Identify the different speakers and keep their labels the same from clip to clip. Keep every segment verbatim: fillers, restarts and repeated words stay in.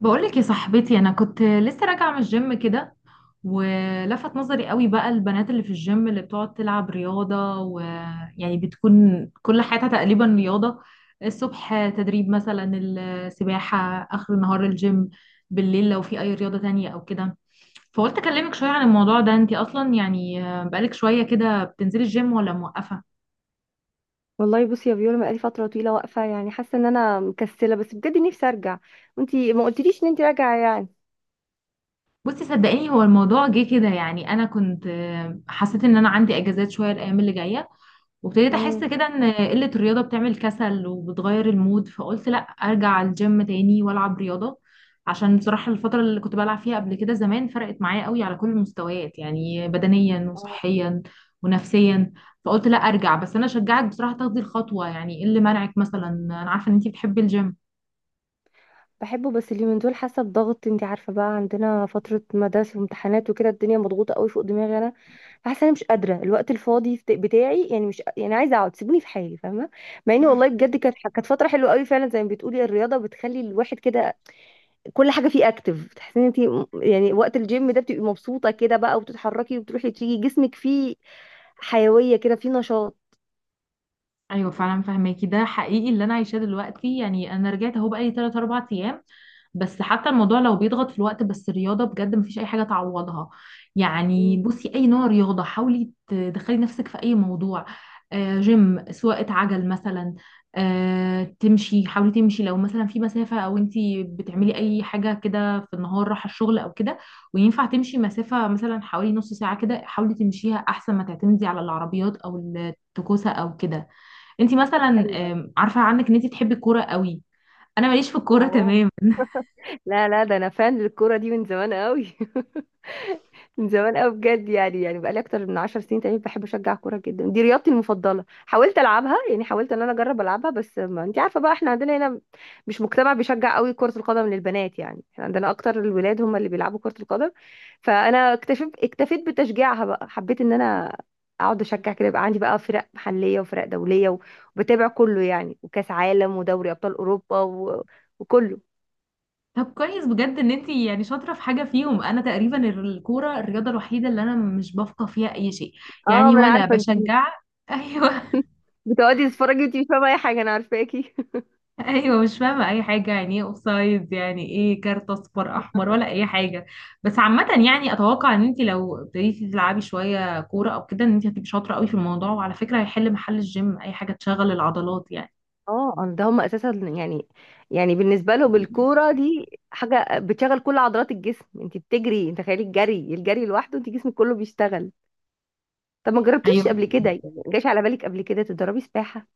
Speaker 1: بقولك يا صاحبتي، انا كنت لسه راجعه من الجيم كده. ولفت نظري قوي بقى البنات اللي في الجيم اللي بتقعد تلعب رياضه ويعني بتكون كل حياتها تقريبا رياضه. الصبح تدريب مثلا، السباحه، اخر النهار الجيم، بالليل لو في اي رياضه تانية او كده. فقلت اكلمك شويه عن الموضوع ده. انتي اصلا يعني بقالك شويه كده بتنزلي الجيم ولا موقفه؟
Speaker 2: والله بصي يا فيولا، بقالي فترة طويلة واقفة، يعني حاسة ان انا مكسلة بس بجد نفسي ارجع. وانتي ما قلتليش ان انتي راجعة يعني؟
Speaker 1: بصي صدقيني هو الموضوع جه كده، يعني انا كنت حسيت ان انا عندي اجازات شويه الايام اللي جايه، وابتديت احس
Speaker 2: امم
Speaker 1: كده ان قله الرياضه بتعمل كسل وبتغير المود، فقلت لا ارجع الجيم تاني والعب رياضه. عشان بصراحه الفتره اللي كنت بلعب فيها قبل كده زمان فرقت معايا قوي على كل المستويات، يعني بدنيا
Speaker 2: آه.
Speaker 1: وصحيا ونفسيا. فقلت لا ارجع. بس انا شجعك بصراحه تاخدي الخطوه، يعني ايه اللي منعك مثلا؟ انا عارفه ان انتي بتحبي الجيم.
Speaker 2: بحبه بس اليومين دول حاسة بضغط، انتي عارفة بقى عندنا فترة مدارس وامتحانات وكده، الدنيا مضغوطة قوي فوق دماغي انا. فحاسة انا مش قادرة، الوقت الفاضي فت- بتاعي يعني مش يعني عايزة اقعد، سيبوني في حالي فاهمة. مع اني والله بجد كانت كانت فترة حلوة قوي فعلا، زي ما بتقولي الرياضة بتخلي الواحد كده كل حاجة فيه اكتف، بتحسي ان انتي م- يعني وقت الجيم ده بتبقي مبسوطة كده بقى، وبتتحركي وبتروحي تيجي، جسمك فيه حيوية كده، في نشاط.
Speaker 1: ايوه فعلا فهماكي، ده حقيقي اللي انا عايشاه دلوقتي، يعني انا رجعت اهو بقالي تلاتة اربع ايام. بس حتى الموضوع لو بيضغط في الوقت، بس الرياضة بجد مفيش أي حاجة تعوضها. يعني
Speaker 2: مم.
Speaker 1: بصي، أي نوع رياضة حاولي تدخلي نفسك في أي موضوع. آه، جيم، سواقة عجل مثلا، آه تمشي، حاولي تمشي لو مثلا في مسافة، أو أنتي بتعملي أي حاجة كده في النهار، رايحة الشغل أو كده، وينفع تمشي مسافة مثلا حوالي نص ساعة كده، حاولي تمشيها أحسن ما تعتمدي على العربيات أو التكوسة أو كده. أنتي مثلا
Speaker 2: ايوه.
Speaker 1: آم، عارفة عنك إن أنتي بتحبي الكورة قوي. أنا ماليش في الكورة
Speaker 2: اه،
Speaker 1: تمام.
Speaker 2: لا لا، ده انا فان للكوره دي من زمان قوي. من زمان قوي بجد، يعني يعني بقالي اكتر من عشر سنين تقريبا بحب اشجع كوره جدا، دي رياضتي المفضله، حاولت العبها، يعني حاولت ان انا اجرب العبها، بس ما انت عارفه بقى احنا عندنا هنا مش مجتمع بيشجع قوي كره القدم للبنات، يعني احنا عندنا اكتر الولاد هم اللي بيلعبوا كره القدم. فانا اكتفيت اكتفيت بتشجيعها بقى، حبيت ان انا اقعد اشجع كده، يبقى عندي بقى فرق محليه وفرق دوليه، و- وبتابع كله يعني، وكاس عالم ودوري ابطال اوروبا و... وكله.
Speaker 1: طب كويس بجد ان انتي يعني شاطره في حاجه فيهم. انا تقريبا الكوره الرياضه الوحيده اللي انا مش بفقه فيها اي شيء،
Speaker 2: اه
Speaker 1: يعني
Speaker 2: ما انا
Speaker 1: ولا
Speaker 2: عارفه انت
Speaker 1: بشجع. ايوه
Speaker 2: بتقعدي تتفرجي وانت مش فاهمه اي حاجه، انا عارفاكي.
Speaker 1: ايوه مش فاهمه اي حاجه، يعني ايه اوفسايد، يعني ايه كارت اصفر احمر، ولا اي حاجه. بس عامه يعني اتوقع ان انتي لو ابتديتي تلعبي شويه كوره او كده ان انتي هتبقي شاطره قوي في الموضوع. وعلى فكره هيحل محل الجيم اي حاجه تشغل العضلات يعني.
Speaker 2: اه أنا- ده هم اساسا، يعني يعني بالنسبه لهم الكوره دي حاجه بتشغل كل عضلات الجسم، انت بتجري، انت تخيلي الجري الجري لوحده انت جسمك كله بيشتغل. طب ما جربتيش
Speaker 1: ايوه
Speaker 2: قبل كده، يعني ما جاش على بالك قبل كده تدربي سباحه؟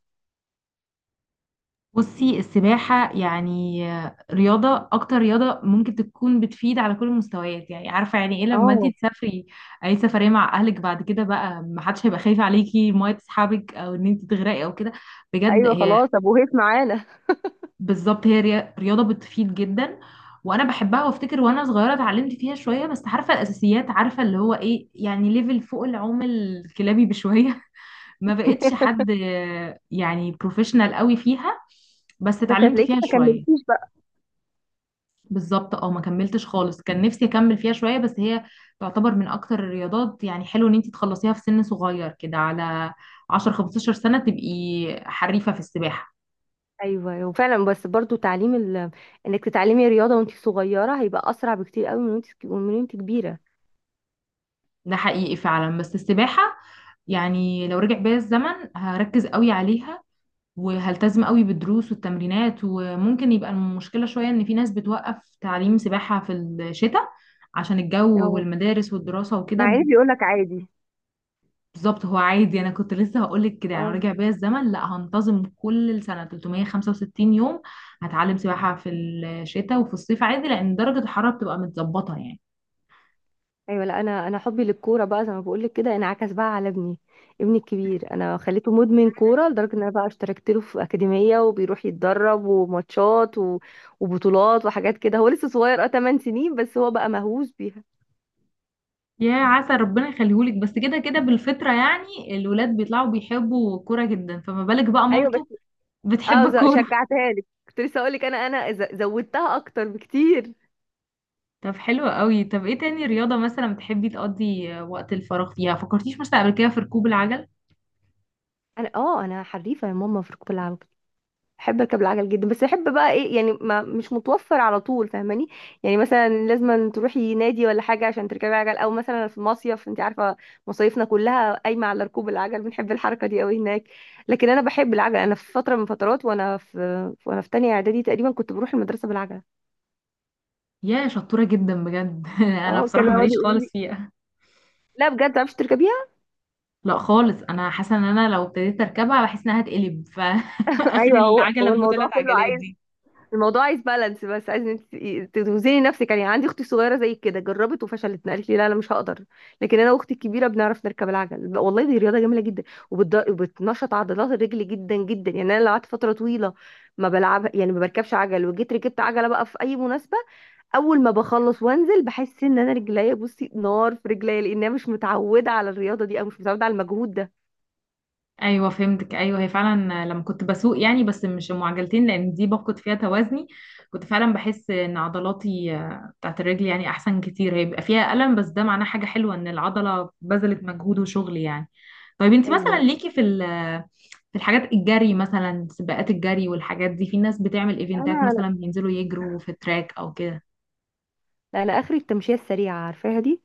Speaker 1: بصي، السباحة يعني رياضة، أكتر رياضة ممكن تكون بتفيد على كل المستويات، يعني عارفة يعني إيه لما أنتي
Speaker 2: اه.
Speaker 1: تسافري أي سفرية مع أهلك؟ بعد كده بقى محدش هيبقى خايف عليكي المية تسحبك أو إن أنتي تغرقي أو كده. بجد
Speaker 2: ايوه
Speaker 1: هي
Speaker 2: خلاص ابو هيف معانا.
Speaker 1: بالظبط هي ري- رياضة بتفيد جدا. وأنا بحبها، وأفتكر وأنا صغيرة اتعلمت فيها شوية. بس عارفة الأساسيات، عارفة اللي هو إيه، يعني ليفل فوق العوم الكلابي بشوية ما بقتش حد يعني بروفيشنال قوي فيها، بس
Speaker 2: بس
Speaker 1: اتعلمت
Speaker 2: هتلاقيكي
Speaker 1: فيها
Speaker 2: ما
Speaker 1: شوية.
Speaker 2: كملتيش بقى.
Speaker 1: بالظبط، اه ما كملتش خالص، كان نفسي اكمل فيها شويه. بس هي تعتبر من اكتر الرياضات، يعني حلو ان انت تخلصيها في سن صغير كده، على عشر خمستاشر سنه تبقي حريفه في السباحه.
Speaker 2: ايوه وفعلا، بس برضو تعليم ال... انك تتعلمي رياضه وانت صغيره هيبقى اسرع بكتير قوي من وانت من وانت كبيره.
Speaker 1: ده حقيقي فعلا، بس السباحه يعني لو رجع بيا الزمن هركز قوي عليها، وهلتزم قوي بالدروس والتمرينات. وممكن يبقى المشكله شويه ان في ناس بتوقف تعليم سباحه في الشتاء عشان الجو
Speaker 2: اه.
Speaker 1: والمدارس والدراسه
Speaker 2: مع
Speaker 1: وكده.
Speaker 2: ان بيقول لك عادي.
Speaker 1: بالظبط، هو عادي، انا كنت لسه هقولك كده. يعني لو
Speaker 2: اه.
Speaker 1: رجع بيا الزمن لا هنتظم كل سنه تلتمية وخمسة وستين يوم، هتعلم سباحه في الشتاء وفي الصيف عادي، لان درجه الحراره بتبقى متظبطه يعني.
Speaker 2: ايوه، لا انا، انا حبي للكوره بقى زي ما بقول لك كده انعكس بقى على ابني، ابني الكبير انا خليته مدمن كوره، لدرجه ان انا بقى اشتركت له في اكاديميه وبيروح يتدرب وماتشات و... وبطولات وحاجات كده، هو لسه صغير، اه تمن سنين، بس هو بقى مهووس بيها.
Speaker 1: يا عسى ربنا يخليهولك. بس كده كده بالفطره يعني الولاد بيطلعوا بيحبوا كوره جدا، فما بالك بقى
Speaker 2: ايوه
Speaker 1: مامته
Speaker 2: بس اه
Speaker 1: بتحب
Speaker 2: ز-
Speaker 1: الكوره
Speaker 2: شجعتها لك، كنت لسه اقول لك انا، انا ز- زودتها اكتر بكتير.
Speaker 1: طب حلو قوي. طب ايه تاني رياضه مثلا بتحبي تقضي وقت الفراغ فيها؟ فكرتيش مثلا قبل كده في ركوب العجل؟
Speaker 2: انا اه انا حريفه يا ماما في كرة العاب، احب اركب العجل جدا، بس احب بقى ايه يعني، ما مش متوفر على طول فاهماني. يعني مثلا لازم أن تروحي نادي ولا حاجه عشان تركبي عجل، او مثلا في مصيف انت عارفه، مصايفنا كلها قايمه على ركوب العجل، بنحب الحركه دي قوي هناك. لكن انا بحب العجل، انا في فتره من فترات، وانا في وانا في تانية اعدادي تقريبا كنت بروح المدرسه بالعجله.
Speaker 1: يا شطوره جدا بجد انا
Speaker 2: اه، كانوا
Speaker 1: بصراحه
Speaker 2: مم. يقعدوا
Speaker 1: ماليش
Speaker 2: يقولوا
Speaker 1: خالص
Speaker 2: لي
Speaker 1: فيها.
Speaker 2: لا بجد ما تعرفيش تركبيها.
Speaker 1: لا خالص، انا حاسه ان انا لو ابتديت اركبها بحس انها هتقلب فاخر
Speaker 2: ايوه، هو
Speaker 1: العجله
Speaker 2: هو
Speaker 1: ام ثلاث
Speaker 2: الموضوع كله،
Speaker 1: عجلات دي.
Speaker 2: الموضوع عايز بالانس، بس عايز إن انت توزني نفسك، يعني عندي اختي صغيره زي كده جربت وفشلت، قالت لي لا انا مش هقدر. لكن انا واختي الكبيره بنعرف نركب العجل، والله دي رياضه جميله جدا. وبتض- وبتنشط عضلات الرجل جدا جدا، يعني انا لو قعدت فتره طويله ما بلعب يعني ما بركبش عجل، وجيت ركبت عجله بقى في اي مناسبه، اول ما بخلص وانزل بحس ان انا رجليا، بصي، نار في رجليا، لانها مش متعوده على الرياضه دي او مش متعوده على المجهود ده.
Speaker 1: ايوه فهمتك، ايوه هي فعلا لما كنت بسوق يعني، بس مش معجلتين لان دي بفقد فيها توازني. كنت فعلا بحس ان عضلاتي آه، بتاعت الرجل يعني احسن كتير. هي بيبقى فيها الم، بس ده معناه حاجه حلوه، ان العضله بذلت مجهود وشغل يعني. طيب انت مثلا
Speaker 2: ايوه.
Speaker 1: ليكي في ال في الحاجات، الجري مثلا، سباقات الجري والحاجات دي، في ناس بتعمل ايفنتات
Speaker 2: انا
Speaker 1: مثلا بينزلوا يجروا في التراك او كده؟
Speaker 2: انا اخري التمشيه السريعه عارفاها دي،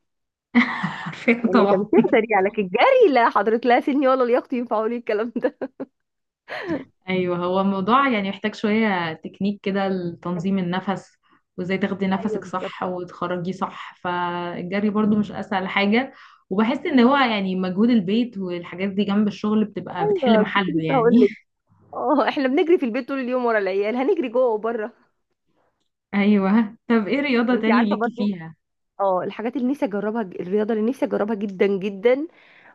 Speaker 1: عارفه
Speaker 2: يعني
Speaker 1: طبعا.
Speaker 2: تمشيها سريعة، لكن جري لا حضرتك، لا سني ولا لياقتي ينفعوا لي الكلام ده.
Speaker 1: ايوه هو الموضوع يعني محتاج شويه تكنيك كده، لتنظيم النفس وازاي تاخدي
Speaker 2: ايوه
Speaker 1: نفسك
Speaker 2: بالظبط.
Speaker 1: صح وتخرجيه صح، فالجري برضو مش اسهل حاجه. وبحس ان هو يعني مجهود البيت والحاجات دي جنب الشغل بتبقى بتحل
Speaker 2: ايوه كنت
Speaker 1: محله
Speaker 2: لسه
Speaker 1: يعني
Speaker 2: هقول لك، اه احنا بنجري في البيت طول اليوم ورا العيال، هنجري جوه وبره.
Speaker 1: ايوه، طب ايه رياضه
Speaker 2: طب انت
Speaker 1: تاني
Speaker 2: عارفه
Speaker 1: ليكي
Speaker 2: برضو،
Speaker 1: فيها؟
Speaker 2: اه الحاجات اللي نفسي اجربها، ج- الرياضه اللي نفسي اجربها جدا جدا،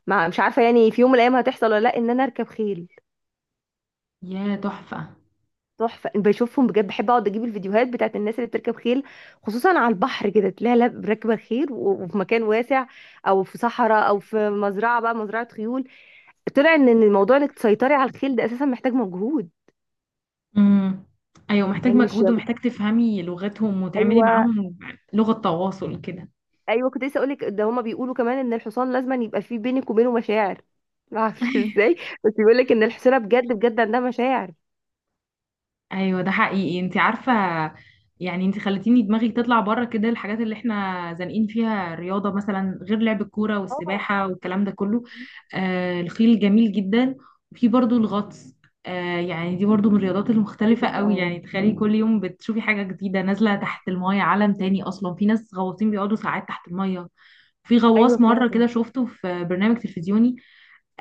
Speaker 2: مع مش عارفه يعني في يوم من الايام هتحصل ولا لا، ان انا اركب خيل.
Speaker 1: يا تحفه.
Speaker 2: تحفه، بشوفهم بجد، بحب اقعد اجيب الفيديوهات بتاعت الناس اللي بتركب خيل، خصوصا على البحر كده تلاقيها لا- راكبه خيل و- وفي مكان واسع، او في صحراء او في مزرعه بقى، مزرعه خيول. طلع ان إن الموضوع انك تسيطري على الخيل ده اساسا محتاج مجهود.
Speaker 1: امم، ايوه محتاج
Speaker 2: يعني مش،
Speaker 1: مجهود، ومحتاج تفهمي لغتهم وتعملي
Speaker 2: ايوه.
Speaker 1: معاهم لغه تواصل كده.
Speaker 2: ايوه كنت لسه اقول لك، ده هما بيقولوا كمان ان الحصان لازم يبقى فيه بينك وبينه مشاعر، ما اعرفش ازاي، بس بيقول لك ان الحصيره بجد بجد عندها مشاعر.
Speaker 1: ايوه ده حقيقي، انت عارفه يعني انت خلتيني دماغي تطلع بره كده الحاجات اللي احنا زانقين فيها الرياضه مثلا، غير لعب الكوره
Speaker 2: اه
Speaker 1: والسباحه والكلام ده كله. آه الخيل جميل جدا. وفي برضو الغطس، آه يعني دي برضو من الرياضات المختلفه
Speaker 2: diving،
Speaker 1: قوي.
Speaker 2: اه.
Speaker 1: يعني تخيلي كل يوم بتشوفي حاجه جديده نازله تحت المايه، عالم تاني اصلا. في ناس غواصين بيقعدوا ساعات تحت المايه. في
Speaker 2: ايوه
Speaker 1: غواص مرة
Speaker 2: فعلا.
Speaker 1: كده شفته في برنامج تلفزيوني،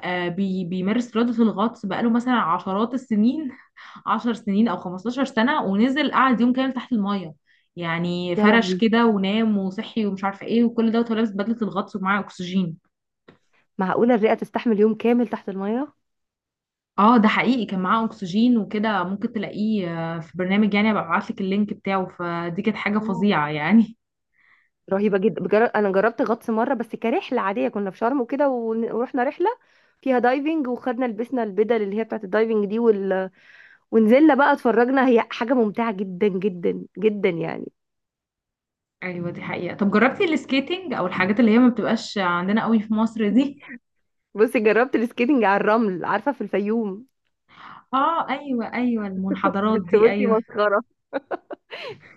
Speaker 1: آه بي بيمارس رياضة الغطس بقاله مثلا عشرات السنين، عشر سنين او خمستاشر سنة، ونزل قعد يوم كامل تحت المية. يعني
Speaker 2: يا
Speaker 1: فرش
Speaker 2: لهوي،
Speaker 1: كده ونام وصحي ومش عارفة ايه وكل دوت، وهو لابس بدلة الغطس ومعاه اكسجين.
Speaker 2: معقوله الرئه تستحمل يوم كامل تحت الميه؟
Speaker 1: اه ده حقيقي كان معاه اكسجين وكده. ممكن تلاقيه آه، في برنامج، يعني ابقى ابعتلك اللينك بتاعه. فدي كانت حاجة
Speaker 2: أوه.
Speaker 1: فظيعة يعني
Speaker 2: رهيبه جدا بجر... انا جربت غطس مره، بس كرحله عاديه، كنا في شرم وكده، ون- ورحنا رحله فيها دايفنج، وخدنا لبسنا البدل اللي هي بتاعت الدايفنج دي وال... ونزلنا بقى اتفرجنا، هي حاجة ممتعة جدا جدا جدا يعني.
Speaker 1: ايوه دي حقيقة. طب جربتي السكيتنج او الحاجات اللي هي ما بتبقاش عندنا قوي في مصر دي؟
Speaker 2: بصي جربت السكيتنج على الرمل، عارفة في الفيوم.
Speaker 1: اه ايوه ايوه، المنحدرات
Speaker 2: بس
Speaker 1: دي،
Speaker 2: بصي
Speaker 1: ايوه
Speaker 2: مسخرة،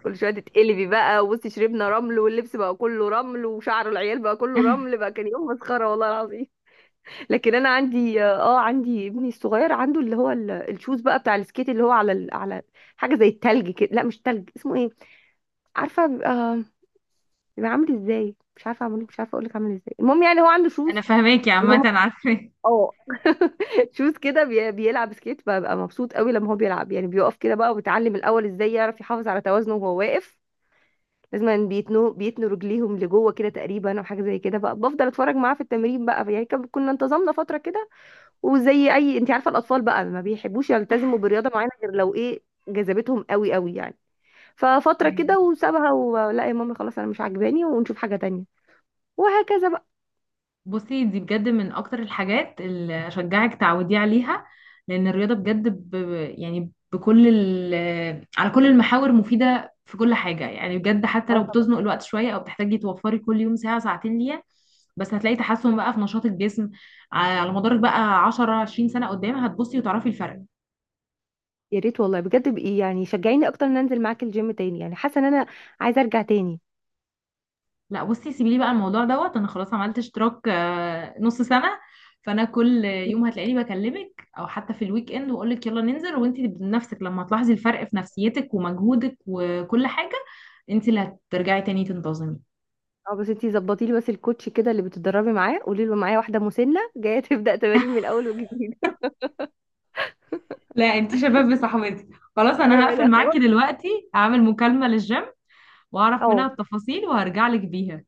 Speaker 2: كل شوية تتقلبي بقى، وبصي شربنا رمل، واللبس بقى كله رمل، وشعر العيال بقى كله رمل، بقى كان يوم مسخرة والله العظيم. لكن انا عندي اه عندي ابني الصغير عنده، اللي هو ال- الشوز بقى بتاع السكيت، اللي هو على ال... على حاجة زي التلج كده، لا مش تلج، اسمه ايه؟ عارفة بيبقى، بيبقى عامل ازاي، مش عارفة اعمله، مش عارفة اقولك عامل ازاي، المهم يعني هو عنده
Speaker 1: انا
Speaker 2: شوز
Speaker 1: فاهماكي
Speaker 2: اللي
Speaker 1: عامة،
Speaker 2: هم
Speaker 1: عارفة.
Speaker 2: اه شوز كده، بي- بيلعب سكيت، ببقى مبسوط قوي لما هو بيلعب، يعني بيقف كده بقى، وبيتعلم الاول ازاي يعرف يحافظ على توازنه وهو واقف، لازم بيتنوا بيتنوا رجليهم لجوه كده تقريبا، او حاجه زي كده بقى. بفضل اتفرج معاه في التمرين بقى يعني كان- كنا انتظمنا فتره كده، وزي اي انت عارفه الاطفال بقى ما بيحبوش يلتزموا برياضه معينه غير لو ايه جذبتهم قوي قوي يعني، ففتره كده وسابها، ولا يا ماما خلاص انا مش عاجباني ونشوف حاجه تانية، وهكذا بقى.
Speaker 1: بصي دي بجد من اكتر الحاجات اللي اشجعك تعودي عليها، لان الرياضه بجد ب... يعني بكل ال... على كل المحاور مفيده في كل حاجه يعني. بجد حتى
Speaker 2: اه
Speaker 1: لو
Speaker 2: طبعا.
Speaker 1: بتزنق الوقت شويه او بتحتاجي توفري كل يوم ساعه ساعتين ليها، بس هتلاقي تحسن بقى في نشاط الجسم. ع- على مدارك بقى عشر عشرين سنه قدام هتبصي وتعرفي الفرق.
Speaker 2: يا ريت والله بجد بقى، يعني شجعيني اكتر ان انزل معاك الجيم تاني، يعني حاسه ان انا عايزه ارجع تاني.
Speaker 1: لا بصي سيبي لي بقى الموضوع دوت، انا خلاص عملت اشتراك آه، نص سنة. فانا كل يوم هتلاقيني بكلمك، او حتى في الويك اند واقول لك يلا ننزل، وانت بنفسك لما هتلاحظي الفرق في نفسيتك ومجهودك وكل حاجة، انت اللي هترجعي تاني تنتظمي.
Speaker 2: اه بس انتي ظبطي لي بس الكوتش كده اللي بتتدربي معاه، قولي له معايا واحده مسنه جايه تبدا تمارين من اول وجديد.
Speaker 1: لا انتي شباب صاحبتي. خلاص انا
Speaker 2: ايوه
Speaker 1: هقفل
Speaker 2: انا
Speaker 1: معاكي
Speaker 2: خلاص.
Speaker 1: دلوقتي، هعمل مكالمة للجيم واعرف منها
Speaker 2: اه
Speaker 1: التفاصيل وهرجع لك بيها.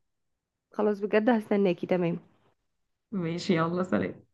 Speaker 2: خلاص بجد هستناكي، تمام.
Speaker 1: ماشي يلا سلام.